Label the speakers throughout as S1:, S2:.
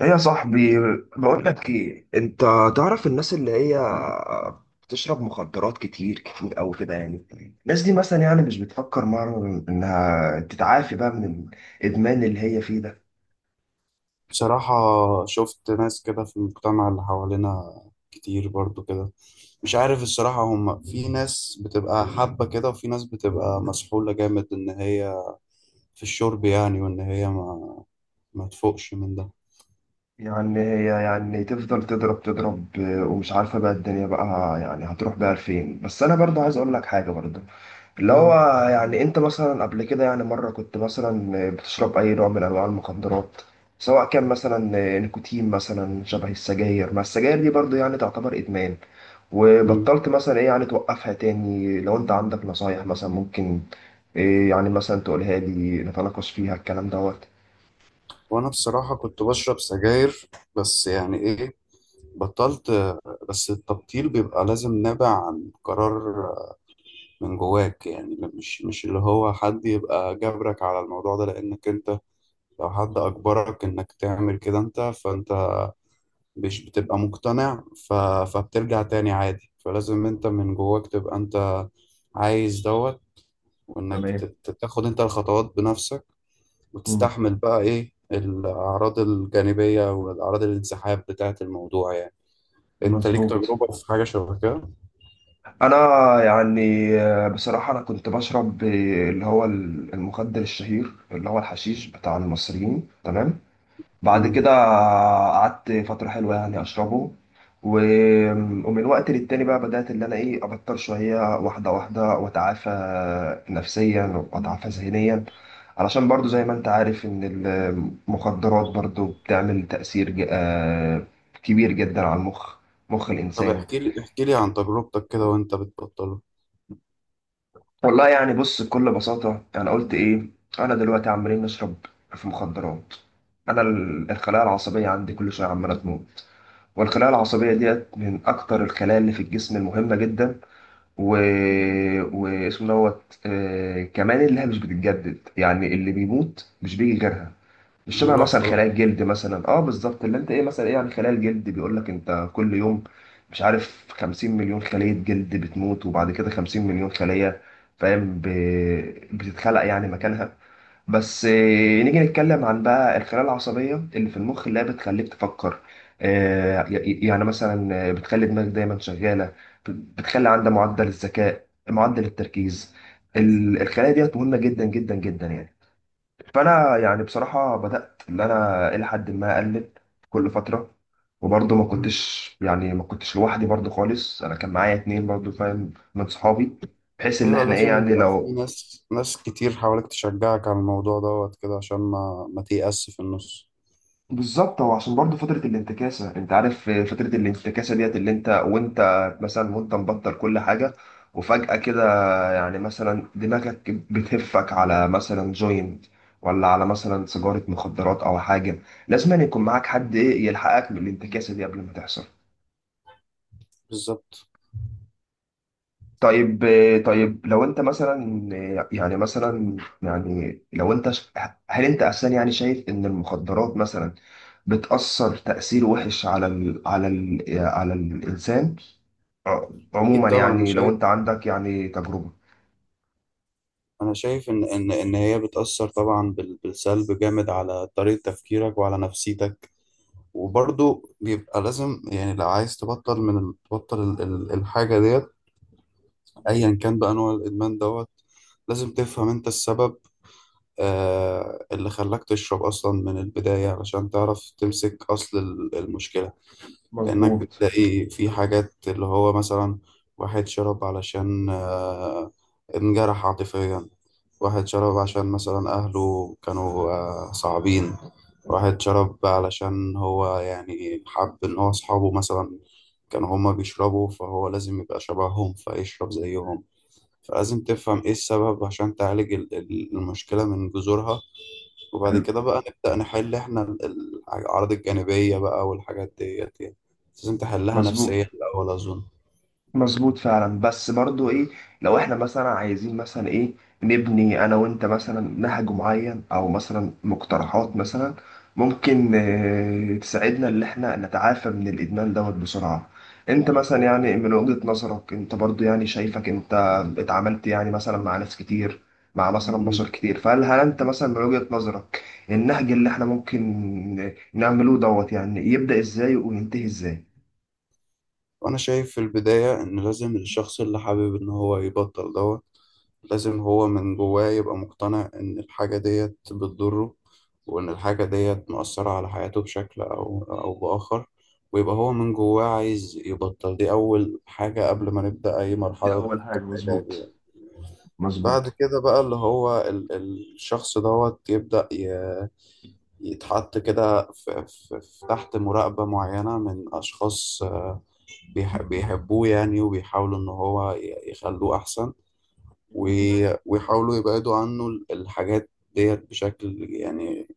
S1: ايه يا صاحبي، بقول لك ايه انت. تعرف الناس اللي هي بتشرب مخدرات كتير او كده يعني. الناس دي مثلا يعني مش بتفكر مرة انها تتعافي بقى من الادمان اللي هي فيه ده؟
S2: بصراحة، شفت ناس كده في المجتمع اللي حوالينا كتير برضو كده. مش عارف الصراحة، هم في ناس بتبقى حابة كده وفي ناس بتبقى مسحولة جامد إن هي في الشرب، يعني وإن هي ما تفوقش من ده.
S1: يعني هي يعني تفضل تضرب ومش عارفة بقى الدنيا بقى يعني هتروح بقى لفين. بس انا برضه عايز اقول لك حاجة برضه، اللي هو
S2: مم.
S1: يعني انت مثلا قبل كده يعني مرة كنت مثلا بتشرب اي نوع من انواع المخدرات، سواء كان مثلا نيكوتين مثلا شبه السجاير. ما السجاير دي برضه يعني تعتبر ادمان.
S2: مم.
S1: وبطلت مثلا ايه يعني توقفها تاني؟ لو انت عندك نصايح مثلا ممكن ايه يعني مثلا تقولها لي نتناقش فيها الكلام دوت.
S2: وأنا بصراحة كنت بشرب سجاير، بس يعني إيه، بطلت. بس التبطيل بيبقى لازم نابع عن قرار من جواك، يعني مش اللي هو حد يبقى جبرك على الموضوع ده، لأنك أنت لو حد أجبرك إنك تعمل كده أنت، فأنت مش بتبقى مقتنع فبترجع تاني عادي. فلازم أنت من جواك تبقى أنت عايز دوت، وإنك
S1: تمام.
S2: تاخد أنت الخطوات بنفسك،
S1: مم.
S2: وتستحمل بقى إيه الأعراض الجانبية والأعراض الانسحاب بتاعة الموضوع يعني. أنت ليك
S1: مظبوط.
S2: تجربة في حاجة شبه كده؟
S1: انا يعني آه، بصراحة انا كنت بشرب آه، اللي هو المخدر الشهير اللي هو الحشيش بتاع المصريين، تمام. بعد
S2: مم.
S1: كده قعدت فترة حلوة يعني أشربه و... ومن وقت للتاني بقى بدأت اللي أنا إيه أبطل شوية، واحدة واحدة، وأتعافى نفسيا وأتعافى ذهنيا. علشان برضو زي ما أنت عارف إن المخدرات برضو بتعمل تأثير آه، كبير جدا على المخ، مخ
S2: طب
S1: الإنسان.
S2: احكي لي، احكي لي عن تجربتك كده وأنت بتبطله.
S1: والله يعني بص، بكل بساطة أنا قلت إيه، أنا دلوقتي عمالين نشرب في مخدرات. أنا الخلايا العصبية عندي كل شوية عمالة تموت، والخلايا العصبية ديت من أكتر الخلايا اللي في الجسم المهمة جدا، و... واسمه دوت آه، كمان اللي هي مش بتتجدد، يعني اللي بيموت مش بيجي غيرها. مش شبه
S2: بيروح
S1: مثلا خلايا
S2: خلاص.
S1: الجلد مثلا، اه بالظبط، اللي انت ايه مثلا ايه، يعني خلايا الجلد بيقول لك انت كل يوم مش عارف 50 مليون خلية جلد بتموت، وبعد كده 50 مليون خلية فاهم بتتخلق يعني مكانها. بس آه، نيجي نتكلم عن بقى الخلايا العصبية اللي في المخ، اللي هي بتخليك تفكر، آه، يعني مثلا آه، بتخلي دماغك دايما شغالة، بت- بتخلي عندها معدل الذكاء، معدل التركيز. الخلايا ديت مهمة جدا جدا جدا يعني. فانا يعني بصراحه بدات ان انا الى حد ما اقلل كل فتره. وبرضه ما كنتش يعني ما كنتش لوحدي برضه خالص، انا كان معايا اتنين برضه فاهم من صحابي، بحيث ان
S2: ايوه،
S1: احنا ايه
S2: لازم
S1: يعني
S2: يبقى في
S1: لو.
S2: ناس كتير حواليك تشجعك على الموضوع دوت كده، عشان ما تيأس في النص.
S1: بالظبط. هو عشان برضه فتره الانتكاسه، انت عارف فتره الانتكاسه ديت اللي انت وانت مثلا وانت مبطل كل حاجه، وفجاه كده يعني مثلا دماغك بتهفك على مثلا جوينت، ولا على مثلا سيجارة مخدرات أو حاجة. لازم أن يكون معاك حد إيه يلحقك من الانتكاسة دي قبل ما تحصل.
S2: بالظبط.
S1: طيب. طيب لو أنت مثلا يعني مثلا يعني لو أنت هل أنت أساسا يعني شايف إن المخدرات مثلا بتأثر تأثير وحش على ال على ال على الإنسان، ع-
S2: اكيد
S1: عموما
S2: طبعا انا
S1: يعني لو أنت
S2: شايف،
S1: عندك يعني تجربة.
S2: انا شايف ان هي بتأثر طبعا بالسلب جامد على طريقة تفكيرك وعلى نفسيتك. وبرضه بيبقى لازم، يعني لو عايز تبطل من ال- تبطل ال- ال- الحاجة ديت، ايا كان بقى نوع الادمان دوت. لازم تفهم انت السبب، اللي خلاك تشرب اصلا من البداية علشان تعرف تمسك اصل المشكلة. لأنك
S1: مظبوط.
S2: بتلاقي في حاجات، اللي هو مثلا واحد شرب علشان انجرح عاطفيا، واحد شرب عشان مثلا أهله كانوا صعبين، واحد شرب علشان هو يعني حب إن هو أصحابه مثلا كانوا هما بيشربوا، فهو لازم يبقى شبههم فيشرب زيهم. فلازم تفهم إيه السبب عشان تعالج المشكلة من جذورها، وبعد
S1: حلو.
S2: كده بقى نبدأ نحل احنا الأعراض الجانبية بقى والحاجات ديت يعني. لازم تحلها
S1: مظبوط.
S2: نفسيا الأول أظن.
S1: مظبوط فعلا، بس برضو ايه، لو احنا مثلا عايزين مثلا ايه نبني انا وانت مثلا نهج معين او مثلا مقترحات مثلا ممكن آه، تساعدنا ان احنا نتعافى من الادمان دوت بسرعة. انت مثلا يعني من وجهة نظرك انت برضو يعني شايفك انت اتعاملت يعني مثلا مع ناس كتير، مع مثلا
S2: مم.
S1: بشر كتير، فهل انت مثلا من وجهة نظرك النهج اللي احنا ممكن نعمله دوت يعني يبدأ ازاي وينتهي ازاي؟
S2: وأنا شايف في البداية إن لازم الشخص اللي حابب إن هو يبطل دوت، لازم هو من جواه يبقى مقتنع إن الحاجة ديت بتضره، وإن الحاجة ديت مؤثرة على حياته بشكل أو بآخر، ويبقى هو من جواه عايز يبطل. دي أول حاجة قبل ما نبدأ أي
S1: دي
S2: مرحلة
S1: أول حاجة،
S2: علاج.
S1: مظبوط.
S2: بعد
S1: مظبوط.
S2: كده بقى اللي هو الشخص دوت يبدأ يتحط كده تحت مراقبة معينة من أشخاص بيحبوه يعني، وبيحاولوا إن هو يخلوه أحسن،
S1: مم.
S2: ويحاولوا يبعدوا عنه الحاجات ديت بشكل يعني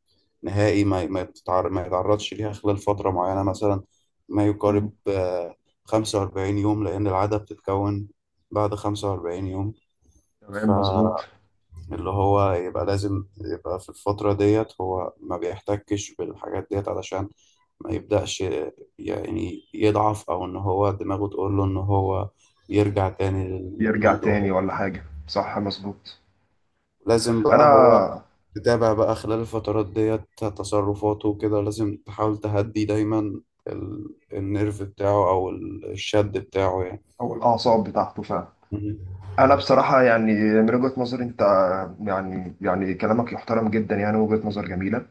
S2: نهائي، ما يتعرضش ليها خلال فترة معينة، مثلا ما يقارب
S1: مم.
S2: 45 يوم، لأن العادة بتتكون بعد 45 يوم. ف
S1: تمام، مظبوط.
S2: اللي هو يبقى لازم يبقى في الفترة ديت هو ما بيحتكش بالحاجات ديت، علشان ما يبدأش يعني يضعف، أو إن هو دماغه تقول له إن هو يرجع تاني
S1: يرجع
S2: للموضوع ده.
S1: تاني ولا حاجة، صح، مظبوط.
S2: لازم بقى هو
S1: أنا.
S2: تتابع بقى خلال الفترات ديت تصرفاته وكده، لازم تحاول تهدي دايما النيرف بتاعه أو الشد بتاعه يعني.
S1: أو الأعصاب بتاعته فعلا.
S2: مهم.
S1: أنا بصراحة يعني من وجهة نظري أنت، يعني يعني كلامك يحترم جدا، يعني وجهة نظر جميلة.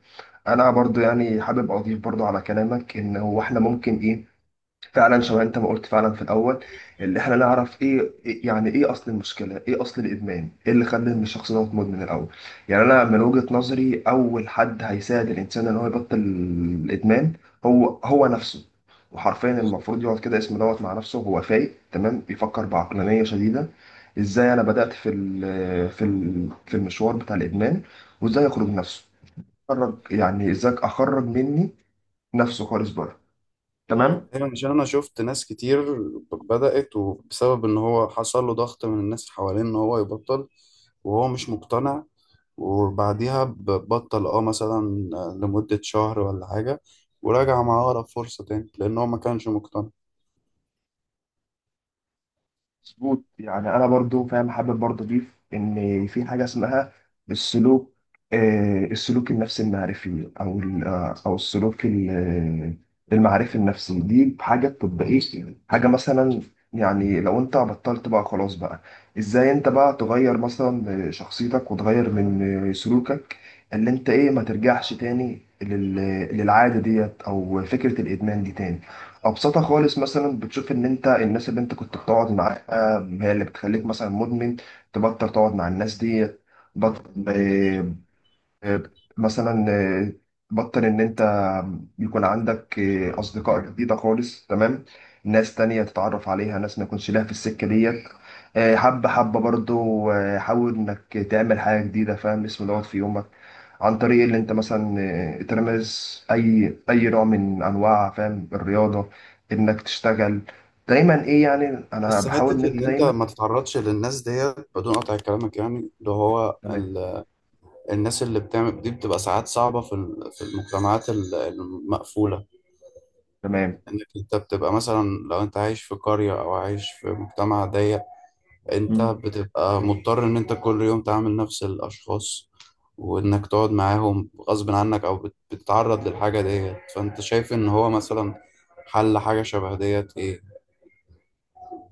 S1: أنا برضو يعني حابب أضيف برضو على كلامك إن هو إحنا ممكن إيه فعلا شبه انت ما قلت فعلا في الاول، اللي احنا نعرف ايه يعني ايه اصل المشكله، ايه اصل الادمان، ايه اللي خلى ان الشخص ده مدمن الاول. يعني انا من وجهه نظري اول حد هيساعد الانسان ان هو يبطل الادمان هو هو نفسه. وحرفيا المفروض يقعد كده اسمه دوت مع نفسه وهو فايق تمام، بيفكر بعقلانيه شديده، ازاي انا بدات في ال في ال في المشوار بتاع الادمان، وازاي اخرج نفسه، اخرج يعني ازاي اخرج مني نفسه خالص بره. تمام.
S2: ايوه، عشان انا شفت ناس كتير بدأت، وبسبب ان هو حصل له ضغط من الناس اللي حواليه ان هو يبطل وهو مش مقتنع، وبعديها بطل مثلا لمدة شهر ولا حاجة، وراجع مع أقرب فرصة تاني لأن هو ما كانش مقتنع.
S1: مظبوط. يعني انا برضو فاهم، حابب برضو اضيف ان في حاجه اسمها السلوك، آه، السلوك النفسي المعرفي او آه، او السلوك آه، المعرفي النفسي. دي حاجه تطبيقيه، حاجه مثلا يعني لو انت بطلت بقى خلاص بقى، ازاي انت بقى تغير مثلا شخصيتك وتغير من آه، سلوكك اللي انت ايه ما ترجعش تاني للعاده ديت او فكره الادمان دي تاني. ابسطها خالص، مثلا بتشوف ان انت الناس اللي انت كنت بتقعد معاها هي اللي بتخليك مثلا مدمن، تبطل تقعد مع الناس دي. بطل مثلا آه، بطل ان انت يكون عندك آه، اصدقاء جديده خالص، تمام. ناس تانية تتعرف عليها، ناس ما يكونش لها في السكه ديت. آه، حبه حبه برضو آه، حاول انك تعمل حاجه جديده فاهم اسم دوت في يومك، عن طريق اللي انت مثلا آه، ترمز اي نوع من انواع فاهم الرياضه، انك تشتغل دايما ايه، يعني انا
S2: بس
S1: بحاول ان
S2: حتة
S1: انت
S2: إن أنت
S1: دايما.
S2: ما تتعرضش للناس ديت، بدون قطع كلامك يعني،
S1: تمام.
S2: الناس اللي بتعمل دي بتبقى ساعات صعبة في المجتمعات المقفولة،
S1: تمام.
S2: إنك أنت بتبقى مثلا لو أنت عايش في قرية أو عايش في مجتمع ضيق، انت بتبقى مضطر ان انت كل يوم تعامل نفس الاشخاص، وانك تقعد معاهم غصب عنك، او بتتعرض للحاجة ديت. فانت شايف ان هو مثلا حل حاجة شبه ديت ايه؟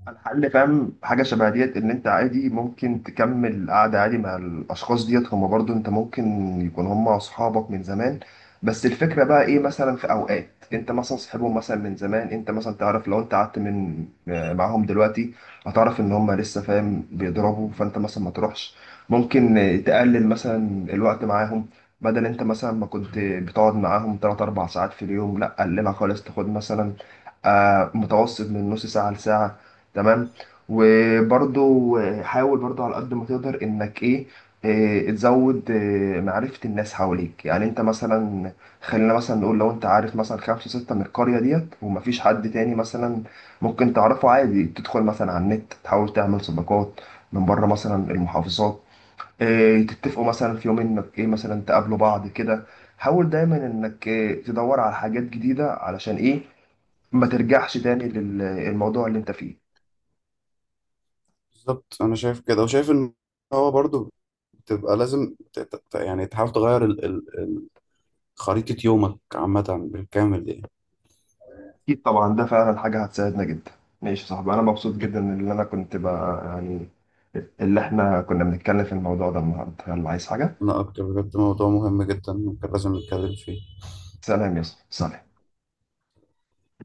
S1: الحل فاهم حاجة شبه ديت إن أنت عادي ممكن تكمل قعدة عادي مع الأشخاص ديت، هما برضو أنت ممكن يكون هما أصحابك من زمان. بس الفكرة بقى إيه، مثلا في أوقات أنت مثلا صاحبهم مثلا من زمان، أنت مثلا تعرف لو أنت قعدت من آه، معاهم دلوقتي هتعرف إن هما لسه فاهم بيضربوا، فأنت مثلا ما تروحش. ممكن تقلل مثلا الوقت معاهم، بدل أنت مثلا ما كنت بتقعد معاهم 3 4 ساعات في اليوم، لأ قللها خالص، تاخد مثلا آه، متوسط من نص ساعة لساعة، تمام. وبرضو حاول برضو على قد ما تقدر انك ايه إيه، تزود إيه، معرفة الناس حواليك، يعني انت مثلا خلينا مثلا نقول لو انت عارف مثلا 5 6 من القرية ديت ومفيش حد تاني مثلا ممكن تعرفه عادي، تدخل مثلا على النت تحاول تعمل صداقات من بره مثلا المحافظات، إيه، تتفقوا مثلا في يوم انك ايه مثلا تقابلوا بعض كده. حاول دايما انك إيه، تدور على حاجات جديدة علشان ايه ما ترجعش تاني للموضوع اللي انت فيه.
S2: بالظبط. انا شايف كده، وشايف ان هو برضو بتبقى لازم يعني تحاول تغير خريطة يومك عامة بالكامل دي.
S1: أكيد طبعا، ده فعلا حاجة هتساعدنا جدا. ماشي يا صاحبي، أنا مبسوط جدا إن أنا كنت بقى يعني اللي إحنا كنا بنتكلم في الموضوع ده النهاردة. يلا، عايز حاجة؟
S2: انا اكتر بجد، موضوع مهم جدا ممكن لازم نتكلم فيه.
S1: سلام يا صاحبي، سلام.